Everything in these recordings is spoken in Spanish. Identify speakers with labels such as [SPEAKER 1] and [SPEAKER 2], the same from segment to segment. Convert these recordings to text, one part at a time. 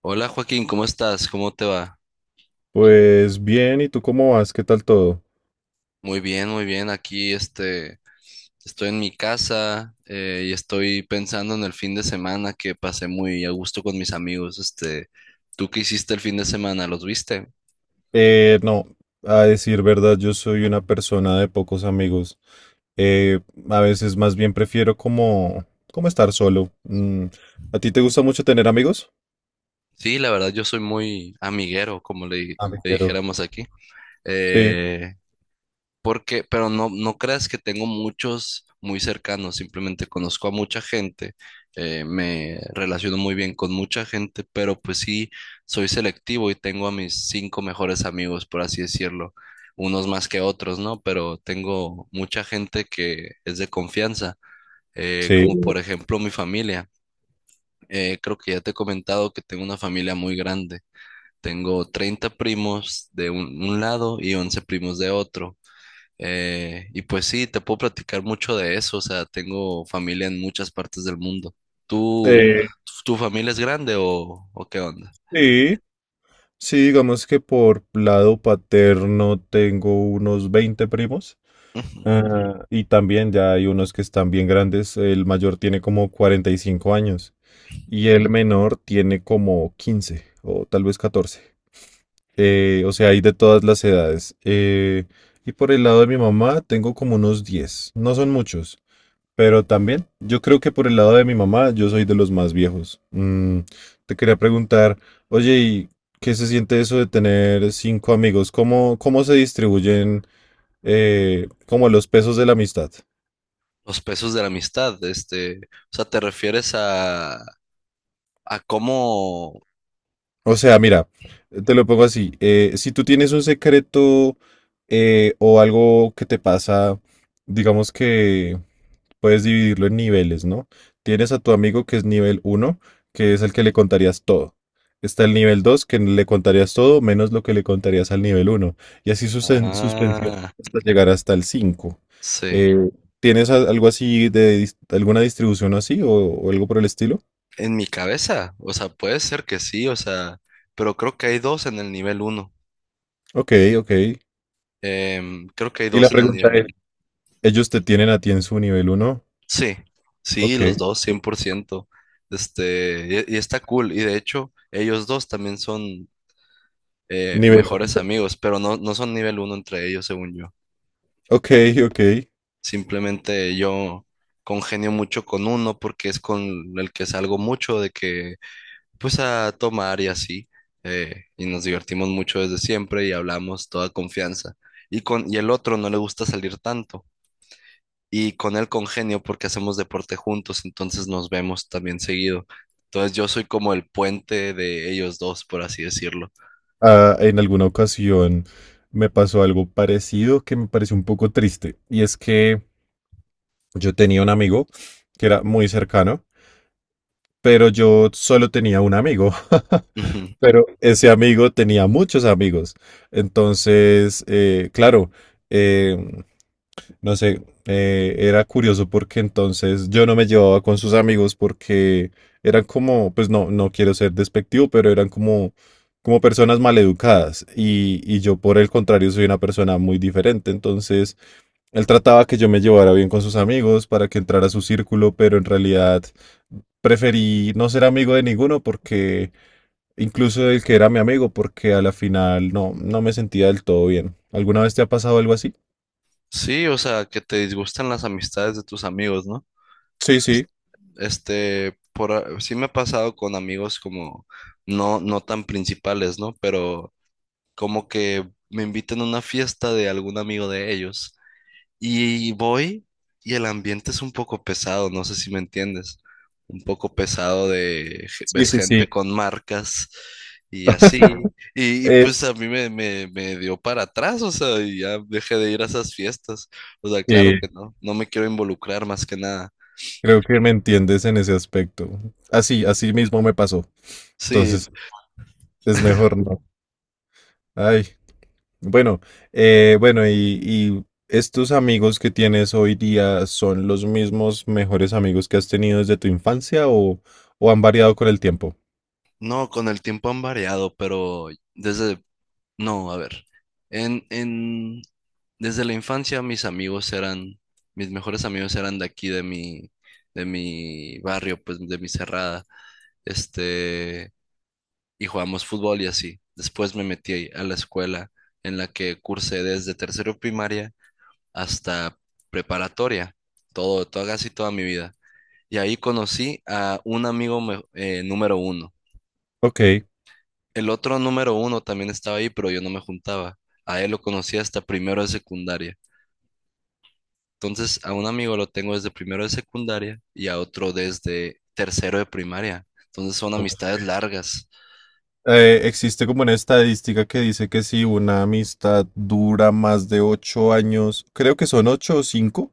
[SPEAKER 1] Hola Joaquín, ¿cómo estás? ¿Cómo te va?
[SPEAKER 2] Pues bien, ¿y tú cómo vas? ¿Qué tal todo?
[SPEAKER 1] Muy bien, muy bien. Aquí estoy en mi casa y estoy pensando en el fin de semana que pasé muy a gusto con mis amigos. ¿Tú qué hiciste el fin de semana? ¿Los viste?
[SPEAKER 2] No, a decir verdad, yo soy una persona de pocos amigos. Eh, a veces más bien prefiero como estar solo. ¿A ti te gusta mucho tener amigos?
[SPEAKER 1] Sí, la verdad yo soy muy amiguero, como
[SPEAKER 2] Ah, me
[SPEAKER 1] le
[SPEAKER 2] quiero.
[SPEAKER 1] dijéramos aquí.
[SPEAKER 2] Sí,
[SPEAKER 1] Eh, pero no, no creas que tengo muchos muy cercanos, simplemente conozco a mucha gente, me relaciono muy bien con mucha gente, pero pues sí, soy selectivo y tengo a mis cinco mejores amigos, por así decirlo, unos más que otros, ¿no? Pero tengo mucha gente que es de confianza, como
[SPEAKER 2] sí.
[SPEAKER 1] por ejemplo mi familia. Creo que ya te he comentado que tengo una familia muy grande. Tengo 30 primos de un lado y 11 primos de otro. Y pues sí, te puedo platicar mucho de eso. O sea, tengo familia en muchas partes del mundo. ¿Tú,
[SPEAKER 2] Eh,
[SPEAKER 1] tu familia es grande o qué onda?
[SPEAKER 2] sí, sí, digamos que por lado paterno tengo unos 20 primos.
[SPEAKER 1] Ujú.
[SPEAKER 2] Ah, y también ya hay unos que están bien grandes. El mayor tiene como 45 años. Y el menor tiene como 15 o tal vez 14. O sea, hay de todas las edades. Y por el lado de mi mamá tengo como unos 10. No son muchos, pero también yo creo que por el lado de mi mamá yo soy de los más viejos. Te quería preguntar, Oye, ¿y qué se siente eso de tener cinco amigos? ¿Cómo se distribuyen como los pesos de la amistad?
[SPEAKER 1] Los pesos de la amistad, o sea, ¿te refieres a cómo?
[SPEAKER 2] O sea, mira, te lo pongo así. Si tú tienes un secreto o algo que te pasa, digamos que puedes dividirlo en niveles, ¿no? Tienes a tu amigo que es nivel uno, que es el que le contarías todo. Está el nivel 2, que le contarías todo menos lo que le contarías al nivel uno. Y así suspensión
[SPEAKER 1] Ah,
[SPEAKER 2] hasta llegar hasta el 5.
[SPEAKER 1] sí.
[SPEAKER 2] Eh, ¿Tienes algo así de alguna distribución así o algo por el estilo?
[SPEAKER 1] En mi cabeza, o sea, puede ser que sí, o sea, pero creo que hay dos en el nivel uno.
[SPEAKER 2] Ok, ok.
[SPEAKER 1] Creo que hay
[SPEAKER 2] Y la
[SPEAKER 1] dos en el
[SPEAKER 2] pregunta.
[SPEAKER 1] nivel uno.
[SPEAKER 2] ¿Ellos te tienen a ti en su nivel uno?
[SPEAKER 1] Sí, sí,
[SPEAKER 2] Ok.
[SPEAKER 1] los dos, 100%. Y está cool. Y de hecho, ellos dos también son
[SPEAKER 2] Nivel.
[SPEAKER 1] mejores amigos, pero no, no son nivel uno entre ellos, según yo.
[SPEAKER 2] Ok, ok.
[SPEAKER 1] Simplemente yo congenio mucho con uno porque es con el que salgo mucho de que, pues a tomar y así. Y nos divertimos mucho desde siempre y hablamos toda confianza. Y el otro no le gusta salir tanto. Y con él congenio porque hacemos deporte juntos, entonces nos vemos también seguido. Entonces yo soy como el puente de ellos dos, por así decirlo.
[SPEAKER 2] Ah, en alguna ocasión me pasó algo parecido que me pareció un poco triste. Y es que yo tenía un amigo que era muy cercano, pero yo solo tenía un amigo.
[SPEAKER 1] Ujú.
[SPEAKER 2] Pero ese amigo tenía muchos amigos. Entonces, claro, em, no sé, era curioso porque entonces yo no me llevaba con sus amigos porque eran como, pues no, no quiero ser despectivo, pero eran como personas maleducadas y yo por el contrario soy una persona muy diferente. Entonces él trataba que yo me llevara bien con sus amigos para que entrara a su círculo, pero en realidad preferí no ser amigo de ninguno porque, incluso del que era mi amigo, porque a la final no, no me sentía del todo bien. ¿Alguna vez te ha pasado algo así?
[SPEAKER 1] Sí, o sea, que te disgustan las amistades de tus amigos, ¿no?
[SPEAKER 2] Sí,
[SPEAKER 1] Es-
[SPEAKER 2] sí,
[SPEAKER 1] sí me ha pasado con amigos como no, no tan principales, ¿no? Pero como que me invitan a una fiesta de algún amigo de ellos. Y voy y el ambiente es un poco pesado, no sé si me entiendes. Un poco pesado de,
[SPEAKER 2] sí,
[SPEAKER 1] ves
[SPEAKER 2] sí, sí.
[SPEAKER 1] gente con marcas y así. Y, y,
[SPEAKER 2] Eh,
[SPEAKER 1] pues a mí me dio para atrás, o sea, y ya dejé de ir a esas fiestas. O sea, claro
[SPEAKER 2] eh,
[SPEAKER 1] que no, no me quiero involucrar más que nada.
[SPEAKER 2] creo que me entiendes en ese aspecto. Así mismo me pasó.
[SPEAKER 1] Sí,
[SPEAKER 2] Entonces, es mejor no. Ay, bueno, bueno, y estos amigos que tienes hoy día son los mismos mejores amigos que has tenido desde tu infancia o han variado con el tiempo.
[SPEAKER 1] no, con el tiempo han variado, pero desde no, a ver. En, en, desde la infancia mis mejores amigos eran de aquí, de mi barrio, pues de mi cerrada. Este, y jugábamos fútbol y así. Después me metí a la escuela en la que cursé desde tercero primaria hasta preparatoria, casi toda mi vida. Y ahí conocí a un amigo número uno.
[SPEAKER 2] Ok.
[SPEAKER 1] El otro número uno también estaba ahí, pero yo no me juntaba. A él lo conocí hasta primero de secundaria. Entonces, a un amigo lo tengo desde primero de secundaria y a otro desde tercero de primaria. Entonces, son
[SPEAKER 2] Ok.
[SPEAKER 1] amistades largas.
[SPEAKER 2] Existe como una estadística que dice que si una amistad dura más de 8 años, creo que son ocho o cinco,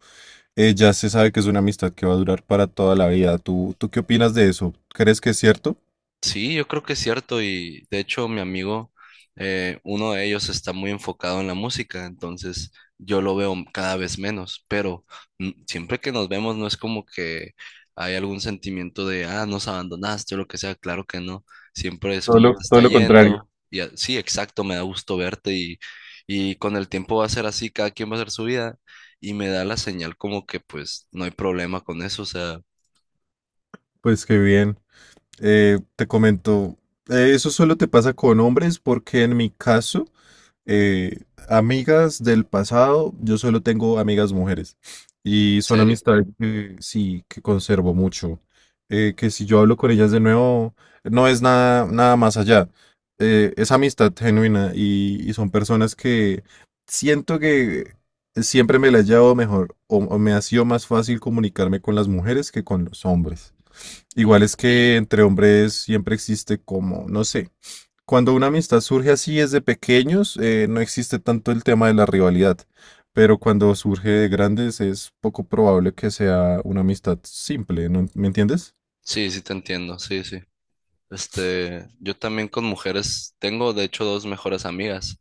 [SPEAKER 2] ya se sabe que es una amistad que va a durar para toda la vida. ¿Tú qué opinas de eso? ¿Crees que es cierto?
[SPEAKER 1] Sí, yo creo que es cierto y de hecho mi amigo, uno de ellos está muy enfocado en la música, entonces yo lo veo cada vez menos, pero siempre que nos vemos no es como que hay algún sentimiento de, ah, nos abandonaste o lo que sea, claro que no, siempre es como te está yendo y sí, exacto, me da gusto verte y con el tiempo va a ser así, cada quien va a hacer su vida y me da la señal como que pues no hay problema con eso, o sea,
[SPEAKER 2] Pues qué bien. Te comento, eso solo te pasa con hombres porque en mi caso. Eh, amigas del pasado, yo solo tengo amigas mujeres y
[SPEAKER 1] en
[SPEAKER 2] son
[SPEAKER 1] serio.
[SPEAKER 2] amistades que sí, que conservo mucho. Que si yo hablo con ellas de nuevo, no es nada, nada más allá. Es amistad genuina y son personas que siento que siempre me la he llevado mejor o me ha sido más fácil comunicarme con las mujeres que con los hombres.
[SPEAKER 1] Mm.
[SPEAKER 2] Igual es que entre hombres siempre existe como, no sé. Cuando una amistad surge así desde pequeños, no existe tanto el tema de la rivalidad, pero cuando surge de grandes es poco probable que sea una amistad simple, ¿no? ¿Me entiendes?
[SPEAKER 1] Sí, sí te entiendo, sí, sí. Yo también con mujeres, tengo de hecho dos mejores amigas,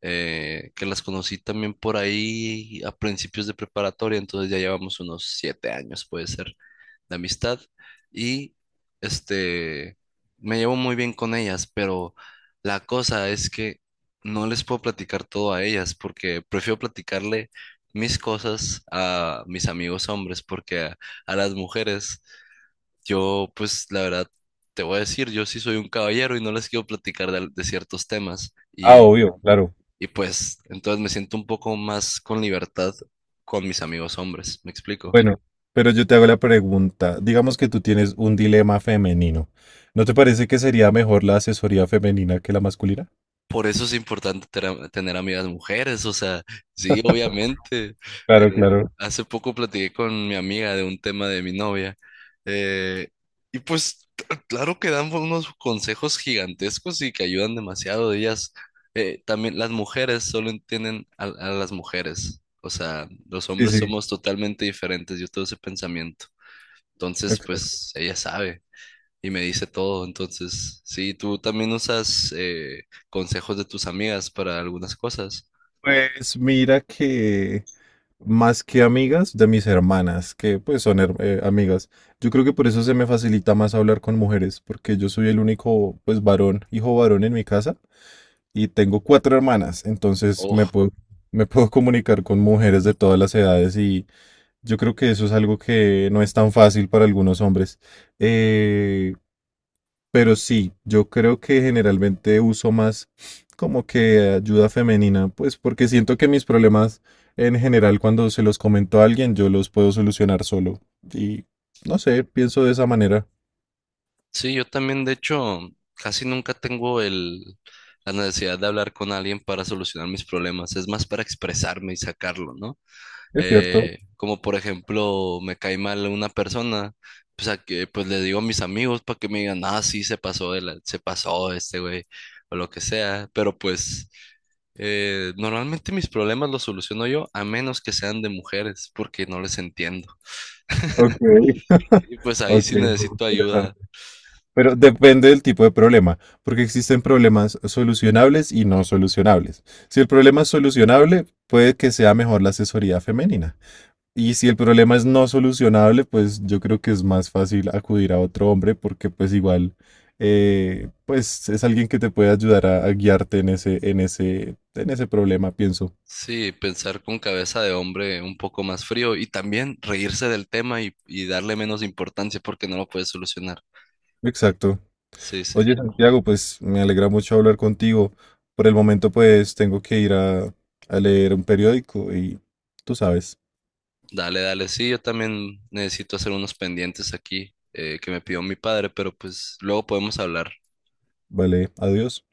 [SPEAKER 1] que las conocí también por ahí a principios de preparatoria, entonces ya llevamos unos 7 años, puede ser, de amistad, y este, me llevo muy bien con ellas, pero la cosa es que no les puedo platicar todo a ellas, porque prefiero platicarle mis cosas a mis amigos hombres, porque a las mujeres yo, pues, la verdad, te voy a decir, yo sí soy un caballero y no les quiero platicar de ciertos temas.
[SPEAKER 2] Ah,
[SPEAKER 1] Y,
[SPEAKER 2] obvio, claro.
[SPEAKER 1] y pues, entonces me siento un poco más con libertad con mis amigos hombres, ¿me explico?
[SPEAKER 2] Bueno, pero yo te hago la pregunta, digamos que tú tienes un dilema femenino, ¿no te parece que sería mejor la asesoría femenina que la masculina?
[SPEAKER 1] Por eso es importante tener amigas mujeres, o sea, sí, obviamente.
[SPEAKER 2] Claro,
[SPEAKER 1] Eh,
[SPEAKER 2] claro.
[SPEAKER 1] hace poco platiqué con mi amiga de un tema de mi novia eh, y pues claro que dan unos consejos gigantescos y que ayudan demasiado. También las mujeres solo entienden a las mujeres, o sea, los
[SPEAKER 2] Sí,
[SPEAKER 1] hombres
[SPEAKER 2] sí.
[SPEAKER 1] somos totalmente diferentes, yo tengo ese pensamiento. Entonces,
[SPEAKER 2] Ok.
[SPEAKER 1] pues ella sabe y me dice todo. Entonces, sí, tú también usas consejos de tus amigas para algunas cosas.
[SPEAKER 2] Pues mira que más que amigas de mis hermanas, que pues son amigas, yo creo que por eso se me facilita más hablar con mujeres, porque yo soy el único pues varón, hijo varón en mi casa y tengo cuatro hermanas, entonces me
[SPEAKER 1] Oh,
[SPEAKER 2] puedo, me puedo comunicar con mujeres de todas las edades y yo creo que eso es algo que no es tan fácil para algunos hombres. Eh, pero sí, yo creo que generalmente uso más como que ayuda femenina, pues porque siento que mis problemas en general cuando se los comento a alguien yo los puedo solucionar solo. Y no sé, pienso de esa manera.
[SPEAKER 1] sí, yo también, de hecho, casi nunca tengo la necesidad de hablar con alguien para solucionar mis problemas. Es más para expresarme y sacarlo, ¿no?
[SPEAKER 2] Es cierto.
[SPEAKER 1] Como por ejemplo me cae mal una persona, pues le digo a mis amigos para que me digan, ah, sí, se pasó, se pasó este güey, o lo que sea, pero pues normalmente mis problemas los soluciono yo, a menos que sean de mujeres, porque no les entiendo.
[SPEAKER 2] Ok,
[SPEAKER 1] Y pues ahí
[SPEAKER 2] ok,
[SPEAKER 1] sí necesito ayuda.
[SPEAKER 2] interesante. Pero depende del tipo de problema, porque existen problemas solucionables y no solucionables. Si el problema es solucionable, puede que sea mejor la asesoría femenina. Y si el problema es no solucionable, pues yo creo que es más fácil acudir a otro hombre porque pues igual pues es alguien que te puede ayudar a guiarte en ese, en ese problema, pienso.
[SPEAKER 1] Sí, pensar con cabeza de hombre un poco más frío y también reírse del tema y darle menos importancia porque no lo puedes solucionar.
[SPEAKER 2] Exacto.
[SPEAKER 1] Sí, sí.
[SPEAKER 2] Oye, Santiago, pues me alegra mucho hablar contigo. Por el momento, pues tengo que ir a leer un periódico y tú sabes.
[SPEAKER 1] Dale, dale, sí, yo también necesito hacer unos pendientes aquí que me pidió mi padre, pero pues luego podemos hablar.
[SPEAKER 2] Vale, adiós.